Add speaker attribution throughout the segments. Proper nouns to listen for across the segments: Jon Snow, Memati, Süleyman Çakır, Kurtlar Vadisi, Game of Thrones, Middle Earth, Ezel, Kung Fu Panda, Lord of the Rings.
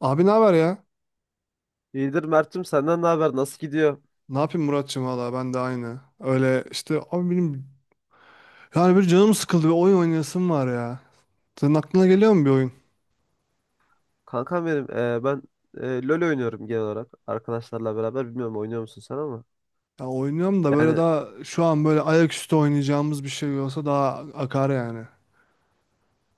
Speaker 1: Abi ne haber ya?
Speaker 2: İyidir Mert'cim senden ne haber? Nasıl gidiyor?
Speaker 1: Ne yapayım Muratçım, valla ben de aynı. Öyle işte abi, benim yani bir canım sıkıldı, bir oyun oynayasım var ya. Senin aklına geliyor mu bir oyun?
Speaker 2: Kankam benim ben LoL oynuyorum genel olarak arkadaşlarla beraber. Bilmiyorum oynuyor musun sen ama.
Speaker 1: Ya oynuyorum da, böyle
Speaker 2: Yani
Speaker 1: daha şu an böyle ayaküstü oynayacağımız bir şey olsa daha akar yani.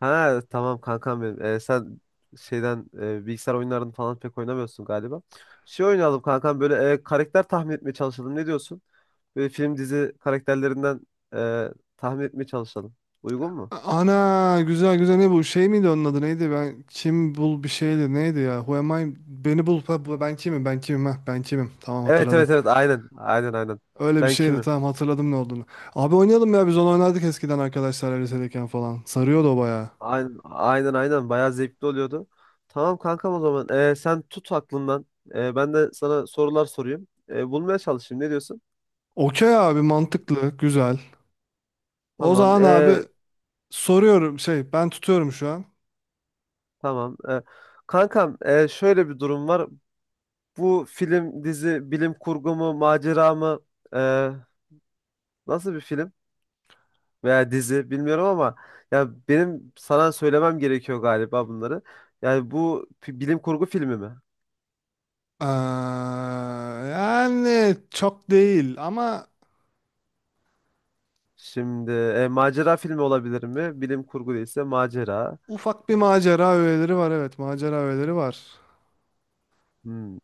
Speaker 2: ha tamam kankam benim. Sen bilgisayar oyunlarını falan pek oynamıyorsun galiba. Şey oynayalım kankam böyle karakter tahmin etmeye çalışalım. Ne diyorsun? Böyle film dizi karakterlerinden e, tahmin etmeye çalışalım. Uygun mu?
Speaker 1: Ana, güzel güzel. Ne bu, şey miydi, onun adı neydi, ben kim bul bir şeydi neydi ya, who am I, beni bul, ha, ben kimim, ben kimim, ha, ben kimim. Tamam,
Speaker 2: Evet
Speaker 1: hatırladım.
Speaker 2: evet evet, aynen aynen aynen.
Speaker 1: Öyle bir
Speaker 2: Ben
Speaker 1: şeydi,
Speaker 2: kimim?
Speaker 1: tamam, hatırladım ne olduğunu. Abi oynayalım ya, biz onu oynardık eskiden arkadaşlarla lisedeyken falan, sarıyordu o bayağı.
Speaker 2: Aynen aynen aynen, bayağı zevkli oluyordu. Tamam kankam o zaman. Sen tut aklından. Ben de sana sorular sorayım. Bulmaya çalışayım. Ne diyorsun?
Speaker 1: Okey abi, mantıklı, güzel. O
Speaker 2: Tamam.
Speaker 1: zaman abi,
Speaker 2: ee,
Speaker 1: soruyorum, şey, ben tutuyorum şu an.
Speaker 2: tamam. Kankam şöyle bir durum var. Bu film, dizi, bilim kurgu mu, macera mı? Ee, nasıl bir film veya dizi bilmiyorum ama ya benim sana söylemem gerekiyor galiba bunları. Yani bu bilim kurgu filmi mi?
Speaker 1: Ee, Yani çok değil ama
Speaker 2: Şimdi macera filmi olabilir mi? Bilim kurgu değilse macera.
Speaker 1: ufak bir macera öğeleri var, evet, macera öğeleri var.
Speaker 2: Hmm.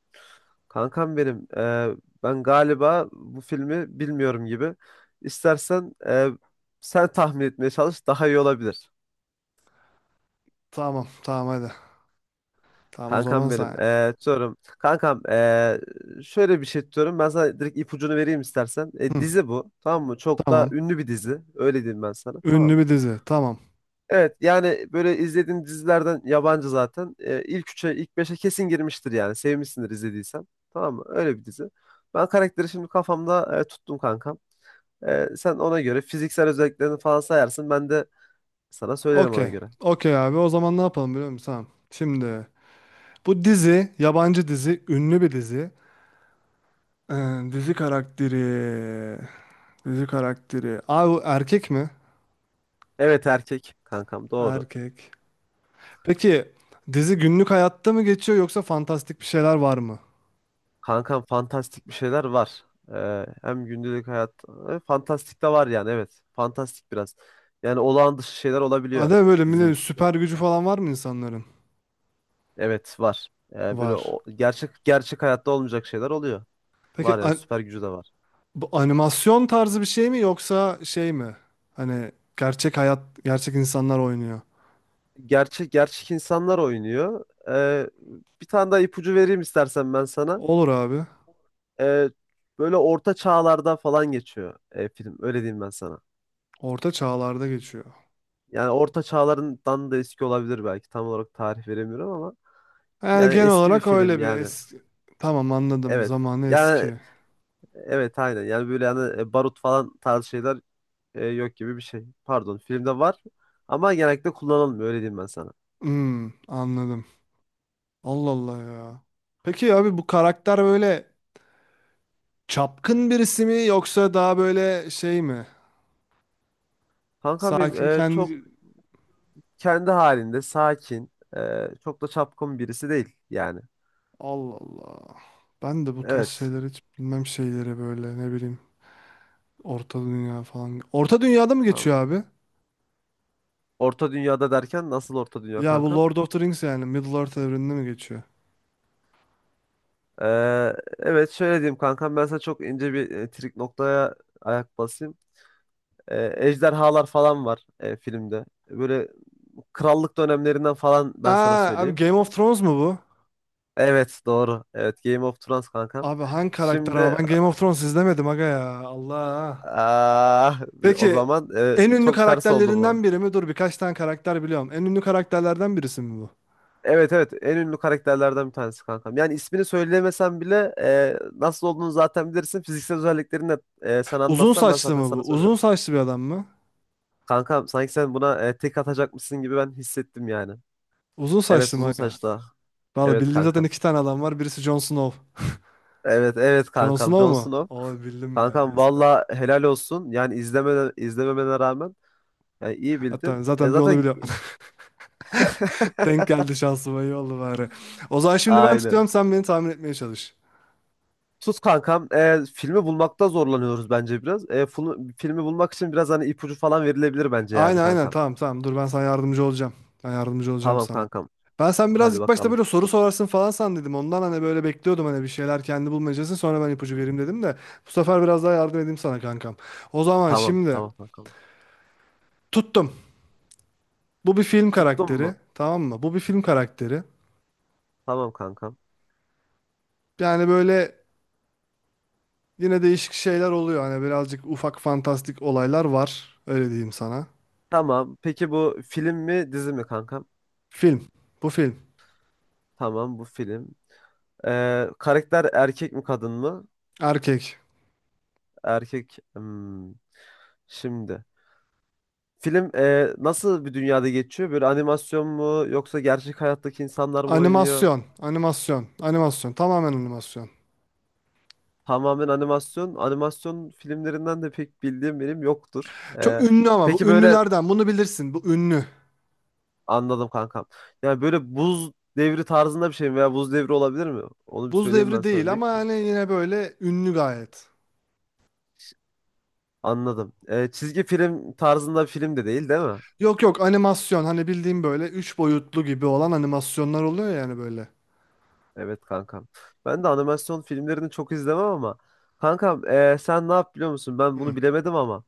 Speaker 2: Kankam benim, ben galiba bu filmi bilmiyorum gibi. İstersen sen tahmin etmeye çalış, daha iyi olabilir.
Speaker 1: Tamam tamam, hadi. Tamam, o zaman
Speaker 2: Kankam
Speaker 1: sen
Speaker 2: benim,
Speaker 1: yap.
Speaker 2: diyorum. Kankam, şöyle bir şey diyorum. Ben sana direkt ipucunu vereyim istersen. E,
Speaker 1: Hı,
Speaker 2: dizi bu, tamam mı? Çok da
Speaker 1: tamam.
Speaker 2: ünlü bir dizi. Öyle diyeyim ben sana, tamam
Speaker 1: Ünlü
Speaker 2: mı?
Speaker 1: bir dizi, tamam.
Speaker 2: Evet, yani böyle izlediğin dizilerden yabancı zaten. E, ilk üçe, ilk beşe kesin girmiştir yani. Sevmişsindir izlediysen. Tamam mı? Öyle bir dizi. Ben karakteri şimdi kafamda tuttum kankam. Sen ona göre fiziksel özelliklerini falan sayarsın. Ben de sana söylerim ona
Speaker 1: Okey.
Speaker 2: göre.
Speaker 1: Okey abi, o zaman ne yapalım biliyor musun? Tamam. Şimdi bu dizi yabancı dizi, ünlü bir dizi. Ee, Dizi karakteri. Dizi karakteri. Abi bu erkek mi?
Speaker 2: Evet erkek kankam, doğru.
Speaker 1: Erkek. Peki dizi günlük hayatta mı geçiyor, yoksa fantastik bir şeyler var mı?
Speaker 2: Kankam fantastik bir şeyler var. Hem gündelik hayat fantastik de var yani, evet. Fantastik biraz. Yani olağan dışı şeyler olabiliyor
Speaker 1: Ada böyle
Speaker 2: dizinin
Speaker 1: millet
Speaker 2: içinde.
Speaker 1: süper gücü falan var mı insanların?
Speaker 2: Evet var. Ee, böyle
Speaker 1: Var.
Speaker 2: o- gerçek gerçek hayatta olmayacak şeyler oluyor.
Speaker 1: Peki
Speaker 2: Var yani, süper gücü de var.
Speaker 1: bu animasyon tarzı bir şey mi, yoksa şey mi? Hani gerçek hayat, gerçek insanlar oynuyor.
Speaker 2: Gerçek gerçek insanlar oynuyor. Bir tane daha ipucu vereyim istersen ben sana.
Speaker 1: Olur abi.
Speaker 2: Ee, böyle orta çağlarda falan geçiyor film. Öyle diyeyim ben sana.
Speaker 1: Orta çağlarda geçiyor.
Speaker 2: Yani orta çağlarından da eski olabilir belki. Tam olarak tarih veremiyorum ama
Speaker 1: Yani
Speaker 2: yani
Speaker 1: genel
Speaker 2: eski bir
Speaker 1: olarak
Speaker 2: film
Speaker 1: öyle bir
Speaker 2: yani.
Speaker 1: eski... Tamam, anladım.
Speaker 2: Evet.
Speaker 1: Zamanı
Speaker 2: Yani
Speaker 1: eski.
Speaker 2: evet, aynen. Yani böyle yani barut falan tarzı şeyler yok gibi bir şey. Pardon, filmde var ama genellikle kullanılmıyor, öyle diyeyim ben sana.
Speaker 1: Hmm, anladım. Allah Allah ya. Peki abi bu karakter böyle çapkın birisi mi, yoksa daha böyle şey mi?
Speaker 2: Kankam benim
Speaker 1: Sakin
Speaker 2: çok
Speaker 1: kendi...
Speaker 2: kendi halinde sakin, çok da çapkın birisi değil yani.
Speaker 1: Allah Allah. Ben de bu tarz
Speaker 2: Evet.
Speaker 1: şeyleri hiç bilmem, şeyleri böyle ne bileyim. Orta Dünya falan. Orta Dünya'da mı
Speaker 2: Tamam.
Speaker 1: geçiyor abi?
Speaker 2: Orta dünyada derken nasıl orta dünya
Speaker 1: Ya bu
Speaker 2: kankam?
Speaker 1: Lord of the Rings yani. Middle Earth evreninde mi geçiyor?
Speaker 2: E, evet, şöyle diyeyim kankam ben sana, çok ince bir trik noktaya ayak basayım. Ejderhalar falan var filmde. Böyle krallık dönemlerinden falan ben sana
Speaker 1: Aa abi,
Speaker 2: söyleyeyim.
Speaker 1: Game of Thrones mu bu?
Speaker 2: Evet doğru. Evet, Game of Thrones kankam.
Speaker 1: Abi hangi karakter
Speaker 2: Şimdi,
Speaker 1: ama, ben Game of Thrones izlemedim aga ya. Allah.
Speaker 2: ah, o
Speaker 1: Peki
Speaker 2: zaman
Speaker 1: en ünlü
Speaker 2: çok ters oldu
Speaker 1: karakterlerinden
Speaker 2: bu.
Speaker 1: biri mi? Dur, birkaç tane karakter biliyorum. En ünlü karakterlerden birisi mi bu?
Speaker 2: Evet evet, en ünlü karakterlerden bir tanesi kankam. Yani ismini söylemesem bile nasıl olduğunu zaten bilirsin. Fiziksel özelliklerini de sana
Speaker 1: Uzun
Speaker 2: anlatsam ben
Speaker 1: saçlı
Speaker 2: zaten
Speaker 1: mı bu?
Speaker 2: sana
Speaker 1: Uzun
Speaker 2: söylerim.
Speaker 1: saçlı bir adam mı?
Speaker 2: Kankam sanki sen buna tek atacakmışsın gibi ben hissettim yani.
Speaker 1: Uzun
Speaker 2: Evet,
Speaker 1: saçlı mı
Speaker 2: uzun
Speaker 1: aga?
Speaker 2: saçlı.
Speaker 1: Valla
Speaker 2: Evet
Speaker 1: bildiğim zaten
Speaker 2: kankam.
Speaker 1: iki tane adam var. Birisi Jon Snow.
Speaker 2: Evet evet
Speaker 1: Jon
Speaker 2: kankam,
Speaker 1: Snow
Speaker 2: Jon
Speaker 1: mu?
Speaker 2: Snow.
Speaker 1: O bildim be.
Speaker 2: Kankam
Speaker 1: Yes be.
Speaker 2: valla helal olsun. Yani izleme, izlememene rağmen yani iyi bildin.
Speaker 1: Hatta
Speaker 2: E,
Speaker 1: zaten bir onu
Speaker 2: zaten
Speaker 1: biliyorum. Denk geldi şansıma, iyi oldu bari. O zaman şimdi ben
Speaker 2: aynen.
Speaker 1: tutuyorum, sen beni tahmin etmeye çalış.
Speaker 2: Tuz kankam. Filmi bulmakta zorlanıyoruz bence biraz. Filmi bulmak için biraz hani ipucu falan verilebilir bence yani
Speaker 1: Aynen aynen,
Speaker 2: kankam.
Speaker 1: tamam tamam, dur ben sana yardımcı olacağım. Ben yardımcı olacağım
Speaker 2: Tamam
Speaker 1: sana.
Speaker 2: kankam.
Speaker 1: Sen biraz
Speaker 2: Hadi
Speaker 1: ilk başta
Speaker 2: bakalım.
Speaker 1: böyle soru sorarsın falan sandıydım. Ondan hani böyle bekliyordum, hani bir şeyler kendi bulmayacaksın. Sonra ben ipucu
Speaker 2: Hmm,
Speaker 1: vereyim dedim de. Bu sefer biraz daha yardım edeyim sana kankam. O zaman
Speaker 2: Tamam
Speaker 1: şimdi
Speaker 2: tamam kankam.
Speaker 1: tuttum. Bu bir film
Speaker 2: Tuttun mu?
Speaker 1: karakteri. Tamam mı? Bu bir film karakteri.
Speaker 2: Tamam kankam.
Speaker 1: Yani böyle yine değişik şeyler oluyor. Hani birazcık ufak fantastik olaylar var. Öyle diyeyim sana.
Speaker 2: Tamam. Peki bu film mi dizi mi kankam?
Speaker 1: Film. Bu film.
Speaker 2: Tamam, bu film. Karakter erkek mi kadın mı?
Speaker 1: Erkek.
Speaker 2: Erkek. Hmm. Şimdi. Film nasıl bir dünyada geçiyor? Böyle animasyon mu yoksa gerçek hayattaki insanlar mı oynuyor?
Speaker 1: Animasyon. Animasyon. Animasyon. Tamamen animasyon.
Speaker 2: Tamamen animasyon. Animasyon filmlerinden de pek bildiğim benim yoktur.
Speaker 1: Çok
Speaker 2: Ee,
Speaker 1: ünlü, ama
Speaker 2: peki
Speaker 1: bu
Speaker 2: böyle,
Speaker 1: ünlülerden, bunu bilirsin. Bu ünlü.
Speaker 2: anladım kankam. Yani böyle buz devri tarzında bir şey mi veya buz devri olabilir mi? Onu bir
Speaker 1: Buz
Speaker 2: söyleyeyim ben
Speaker 1: Devri
Speaker 2: sana
Speaker 1: değil, ama
Speaker 2: öncelikle.
Speaker 1: hani yine böyle ünlü gayet.
Speaker 2: Anladım. Çizgi film tarzında bir film de değil, değil mi?
Speaker 1: Yok yok, animasyon, hani bildiğim böyle üç boyutlu gibi olan animasyonlar oluyor yani böyle.
Speaker 2: Evet kankam. Ben de animasyon filmlerini çok izlemem ama kankam sen ne yap biliyor musun? Ben bunu bilemedim ama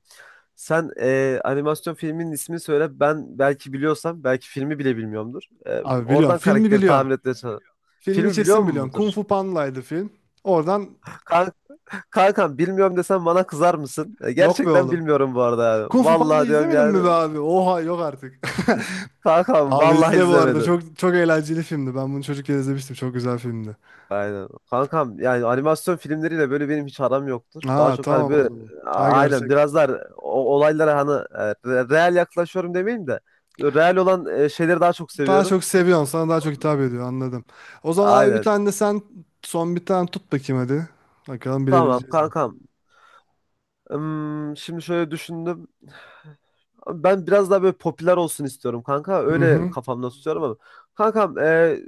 Speaker 2: sen animasyon filminin ismini söyle. Ben belki biliyorsam, belki filmi bile bilmiyorumdur. E,
Speaker 1: Abi biliyorum,
Speaker 2: oradan
Speaker 1: filmi
Speaker 2: karakteri
Speaker 1: biliyorsun.
Speaker 2: tahmin etmeye çalış.
Speaker 1: Filmi
Speaker 2: Filmi biliyor
Speaker 1: kesin biliyorsun.
Speaker 2: mudur?
Speaker 1: Kung Fu Panda'ydı film. Oradan...
Speaker 2: Kan kankam bilmiyorum desem bana kızar mısın? E,
Speaker 1: Yok be
Speaker 2: gerçekten
Speaker 1: oğlum,
Speaker 2: bilmiyorum bu arada yani.
Speaker 1: Kung Fu Panda
Speaker 2: Vallahi diyorum
Speaker 1: izlemedin mi
Speaker 2: yani.
Speaker 1: be abi? Oha, yok artık.
Speaker 2: Kankam
Speaker 1: Abi
Speaker 2: vallahi
Speaker 1: izle bu arada.
Speaker 2: izlemedim.
Speaker 1: Çok çok eğlenceli filmdi. Ben bunu çocukken izlemiştim. Çok güzel filmdi.
Speaker 2: Aynen. Kankam yani animasyon filmleriyle böyle benim hiç aram yoktur. Daha
Speaker 1: Ha,
Speaker 2: çok hani
Speaker 1: tamam o
Speaker 2: böyle
Speaker 1: zaman. Ha,
Speaker 2: aynen
Speaker 1: gerçek.
Speaker 2: biraz daha olaylara hani real yaklaşıyorum demeyeyim de real olan şeyleri daha çok
Speaker 1: Daha
Speaker 2: seviyorum.
Speaker 1: çok seviyorsun. Sana daha çok hitap ediyor. Anladım. O zaman abi, bir
Speaker 2: Aynen.
Speaker 1: tane de sen, son bir tane tut bakayım hadi. Bakalım
Speaker 2: Tamam
Speaker 1: bilebileceğiz mi?
Speaker 2: kankam. Şimdi şöyle düşündüm. Ben biraz daha böyle popüler olsun istiyorum kanka.
Speaker 1: Hı
Speaker 2: Öyle
Speaker 1: hı.
Speaker 2: kafamda tutuyorum ama. Kankam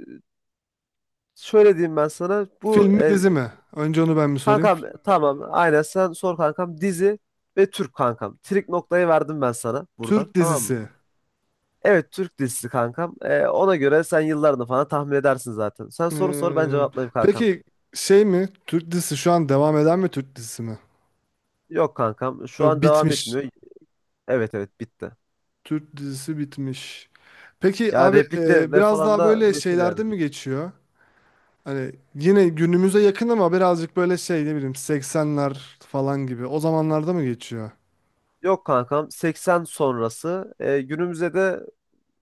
Speaker 2: şöyle diyeyim ben sana. Bu
Speaker 1: Film mi
Speaker 2: e,
Speaker 1: dizi mi? Önce onu ben bir sorayım.
Speaker 2: kankam tamam, aynen sen sor kankam, dizi ve Türk kankam. Trik noktayı verdim ben sana buradan,
Speaker 1: Türk
Speaker 2: tamam mı?
Speaker 1: dizisi.
Speaker 2: Evet, Türk dizisi kankam. Ona göre sen yıllarını falan tahmin edersin zaten. Sen soru sor, ben
Speaker 1: Ee,
Speaker 2: cevaplayayım kankam.
Speaker 1: peki şey mi? Türk dizisi şu an devam eden mi, Türk dizisi mi?
Speaker 2: Yok kankam, şu
Speaker 1: Yok,
Speaker 2: an devam
Speaker 1: bitmiş.
Speaker 2: etmiyor. Evet evet, bitti.
Speaker 1: Türk dizisi bitmiş. Peki
Speaker 2: Ya
Speaker 1: abi,
Speaker 2: repliklerle
Speaker 1: biraz
Speaker 2: falan
Speaker 1: daha
Speaker 2: da
Speaker 1: böyle
Speaker 2: meşhur
Speaker 1: şeylerde
Speaker 2: yani.
Speaker 1: mi geçiyor? Hani yine günümüze yakın ama birazcık böyle şey, ne bileyim, 80'ler falan gibi. O zamanlarda mı geçiyor?
Speaker 2: Yok kankam, 80 sonrası günümüze de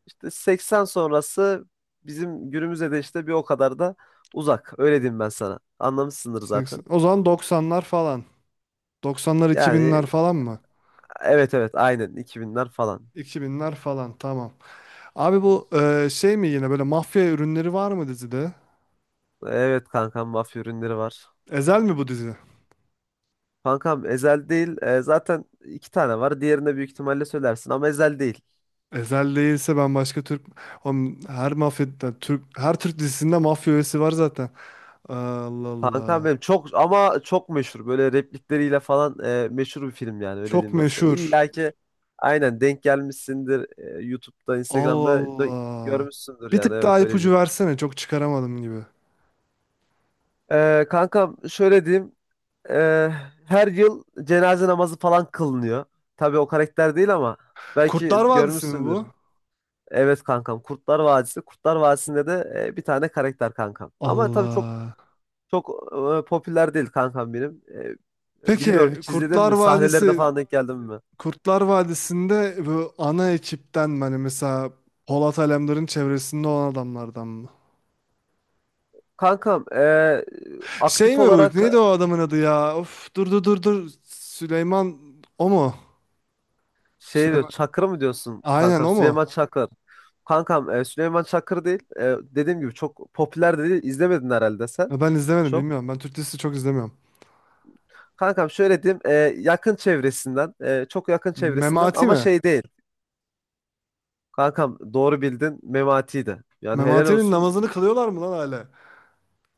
Speaker 2: işte 80 sonrası, bizim günümüze de işte bir o kadar da uzak. Öyle diyeyim ben sana. Anlamışsındır
Speaker 1: 80,
Speaker 2: zaten.
Speaker 1: o zaman 90'lar falan. 90'lar 2000'ler
Speaker 2: Yani
Speaker 1: falan mı?
Speaker 2: evet evet aynen, 2000'ler falan.
Speaker 1: 2000'ler falan, tamam. Abi bu, şey mi, yine böyle mafya ürünleri var mı dizide?
Speaker 2: Evet kankam, mafya ürünleri var.
Speaker 1: Ezel mi bu dizi?
Speaker 2: Kankam, Ezel değil. Zaten iki tane var. Diğerini büyük ihtimalle söylersin ama Ezel değil.
Speaker 1: Ezel değilse ben başka Türk... Oğlum, her mafya Türk, her Türk dizisinde mafya üyesi var zaten. Allah
Speaker 2: Kankam
Speaker 1: Allah.
Speaker 2: benim, çok ama çok meşhur. Böyle replikleriyle falan meşhur bir film yani, öyle
Speaker 1: Çok
Speaker 2: diyeyim ben sana.
Speaker 1: meşhur.
Speaker 2: İlla ki aynen denk gelmişsindir. YouTube'da,
Speaker 1: Allah
Speaker 2: Instagram'da da
Speaker 1: Allah.
Speaker 2: görmüşsündür
Speaker 1: Bir
Speaker 2: yani,
Speaker 1: tık daha
Speaker 2: evet, öyle
Speaker 1: ipucu
Speaker 2: diyeyim.
Speaker 1: versene. Çok çıkaramadım gibi.
Speaker 2: Kankam şöyle diyeyim. E, her yıl cenaze namazı falan kılınıyor. Tabii o karakter değil ama belki
Speaker 1: Kurtlar Vadisi mi
Speaker 2: görmüşsündür.
Speaker 1: bu?
Speaker 2: Evet kankam, Kurtlar Vadisi. Kurtlar Vadisi'nde de bir tane karakter kankam. Ama tabii çok
Speaker 1: Allah.
Speaker 2: çok popüler değil kankam benim. Bilmiyorum,
Speaker 1: Peki
Speaker 2: hiç izledin
Speaker 1: Kurtlar
Speaker 2: mi? Sahnelerine
Speaker 1: Vadisi
Speaker 2: falan denk geldin mi?
Speaker 1: Kurtlar Vadisi'nde bu ana ekipten, hani mesela Polat Alemdar'ın çevresinde olan adamlardan mı?
Speaker 2: Kankam
Speaker 1: Şey
Speaker 2: aktif
Speaker 1: mi bu?
Speaker 2: olarak
Speaker 1: Neydi o adamın adı ya? Of, dur dur dur dur. Süleyman, o mu?
Speaker 2: şey diyor,
Speaker 1: Süleyman.
Speaker 2: Çakır mı diyorsun
Speaker 1: Aynen
Speaker 2: kankam?
Speaker 1: o mu?
Speaker 2: Süleyman Çakır. Kankam Süleyman Çakır değil. Dediğim gibi çok popüler de değil. İzlemedin herhalde sen.
Speaker 1: Ya, ben izlemedim,
Speaker 2: Çok.
Speaker 1: bilmiyorum. Ben Türk dizisi çok izlemiyorum.
Speaker 2: Kankam şöyle diyeyim, yakın çevresinden çok yakın çevresinden
Speaker 1: Memati
Speaker 2: ama
Speaker 1: mi?
Speaker 2: şey değil. Kankam doğru bildin, Memati'ydi. Yani helal
Speaker 1: Memati'nin
Speaker 2: olsun.
Speaker 1: namazını kılıyorlar mı lan hala?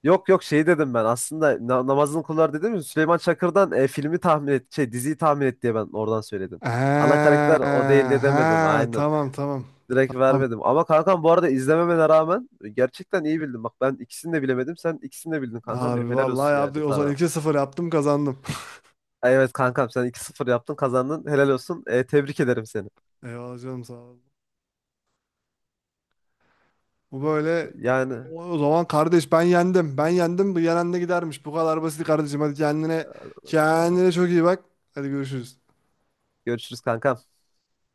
Speaker 2: Yok yok, şey dedim ben aslında, namazını kılar dedim ya Süleyman Çakır'dan, filmi tahmin et şey diziyi tahmin et diye ben oradan söyledim. Ana
Speaker 1: Ha,
Speaker 2: karakter o değil de demedim
Speaker 1: ha,
Speaker 2: aynen.
Speaker 1: tamam tamam.
Speaker 2: Direkt
Speaker 1: Tamam.
Speaker 2: vermedim. Ama kankam bu arada izlememene rağmen gerçekten iyi bildin. Bak ben ikisini de bilemedim. Sen ikisini de bildin kankam benim.
Speaker 1: Harbi
Speaker 2: Helal
Speaker 1: vallahi
Speaker 2: olsun yani
Speaker 1: yaptı. O zaman
Speaker 2: sana.
Speaker 1: iki sıfır yaptım, kazandım.
Speaker 2: Evet kankam, sen 2-0 yaptın, kazandın. Helal olsun. Tebrik ederim seni.
Speaker 1: Eyvallah canım, sağ ol. Bu böyle.
Speaker 2: Yani
Speaker 1: O zaman kardeş, ben yendim. Ben yendim. Bu yenen de gidermiş. Bu kadar basit kardeşim. Hadi, kendine çok iyi bak. Hadi, görüşürüz.
Speaker 2: görüşürüz kankam.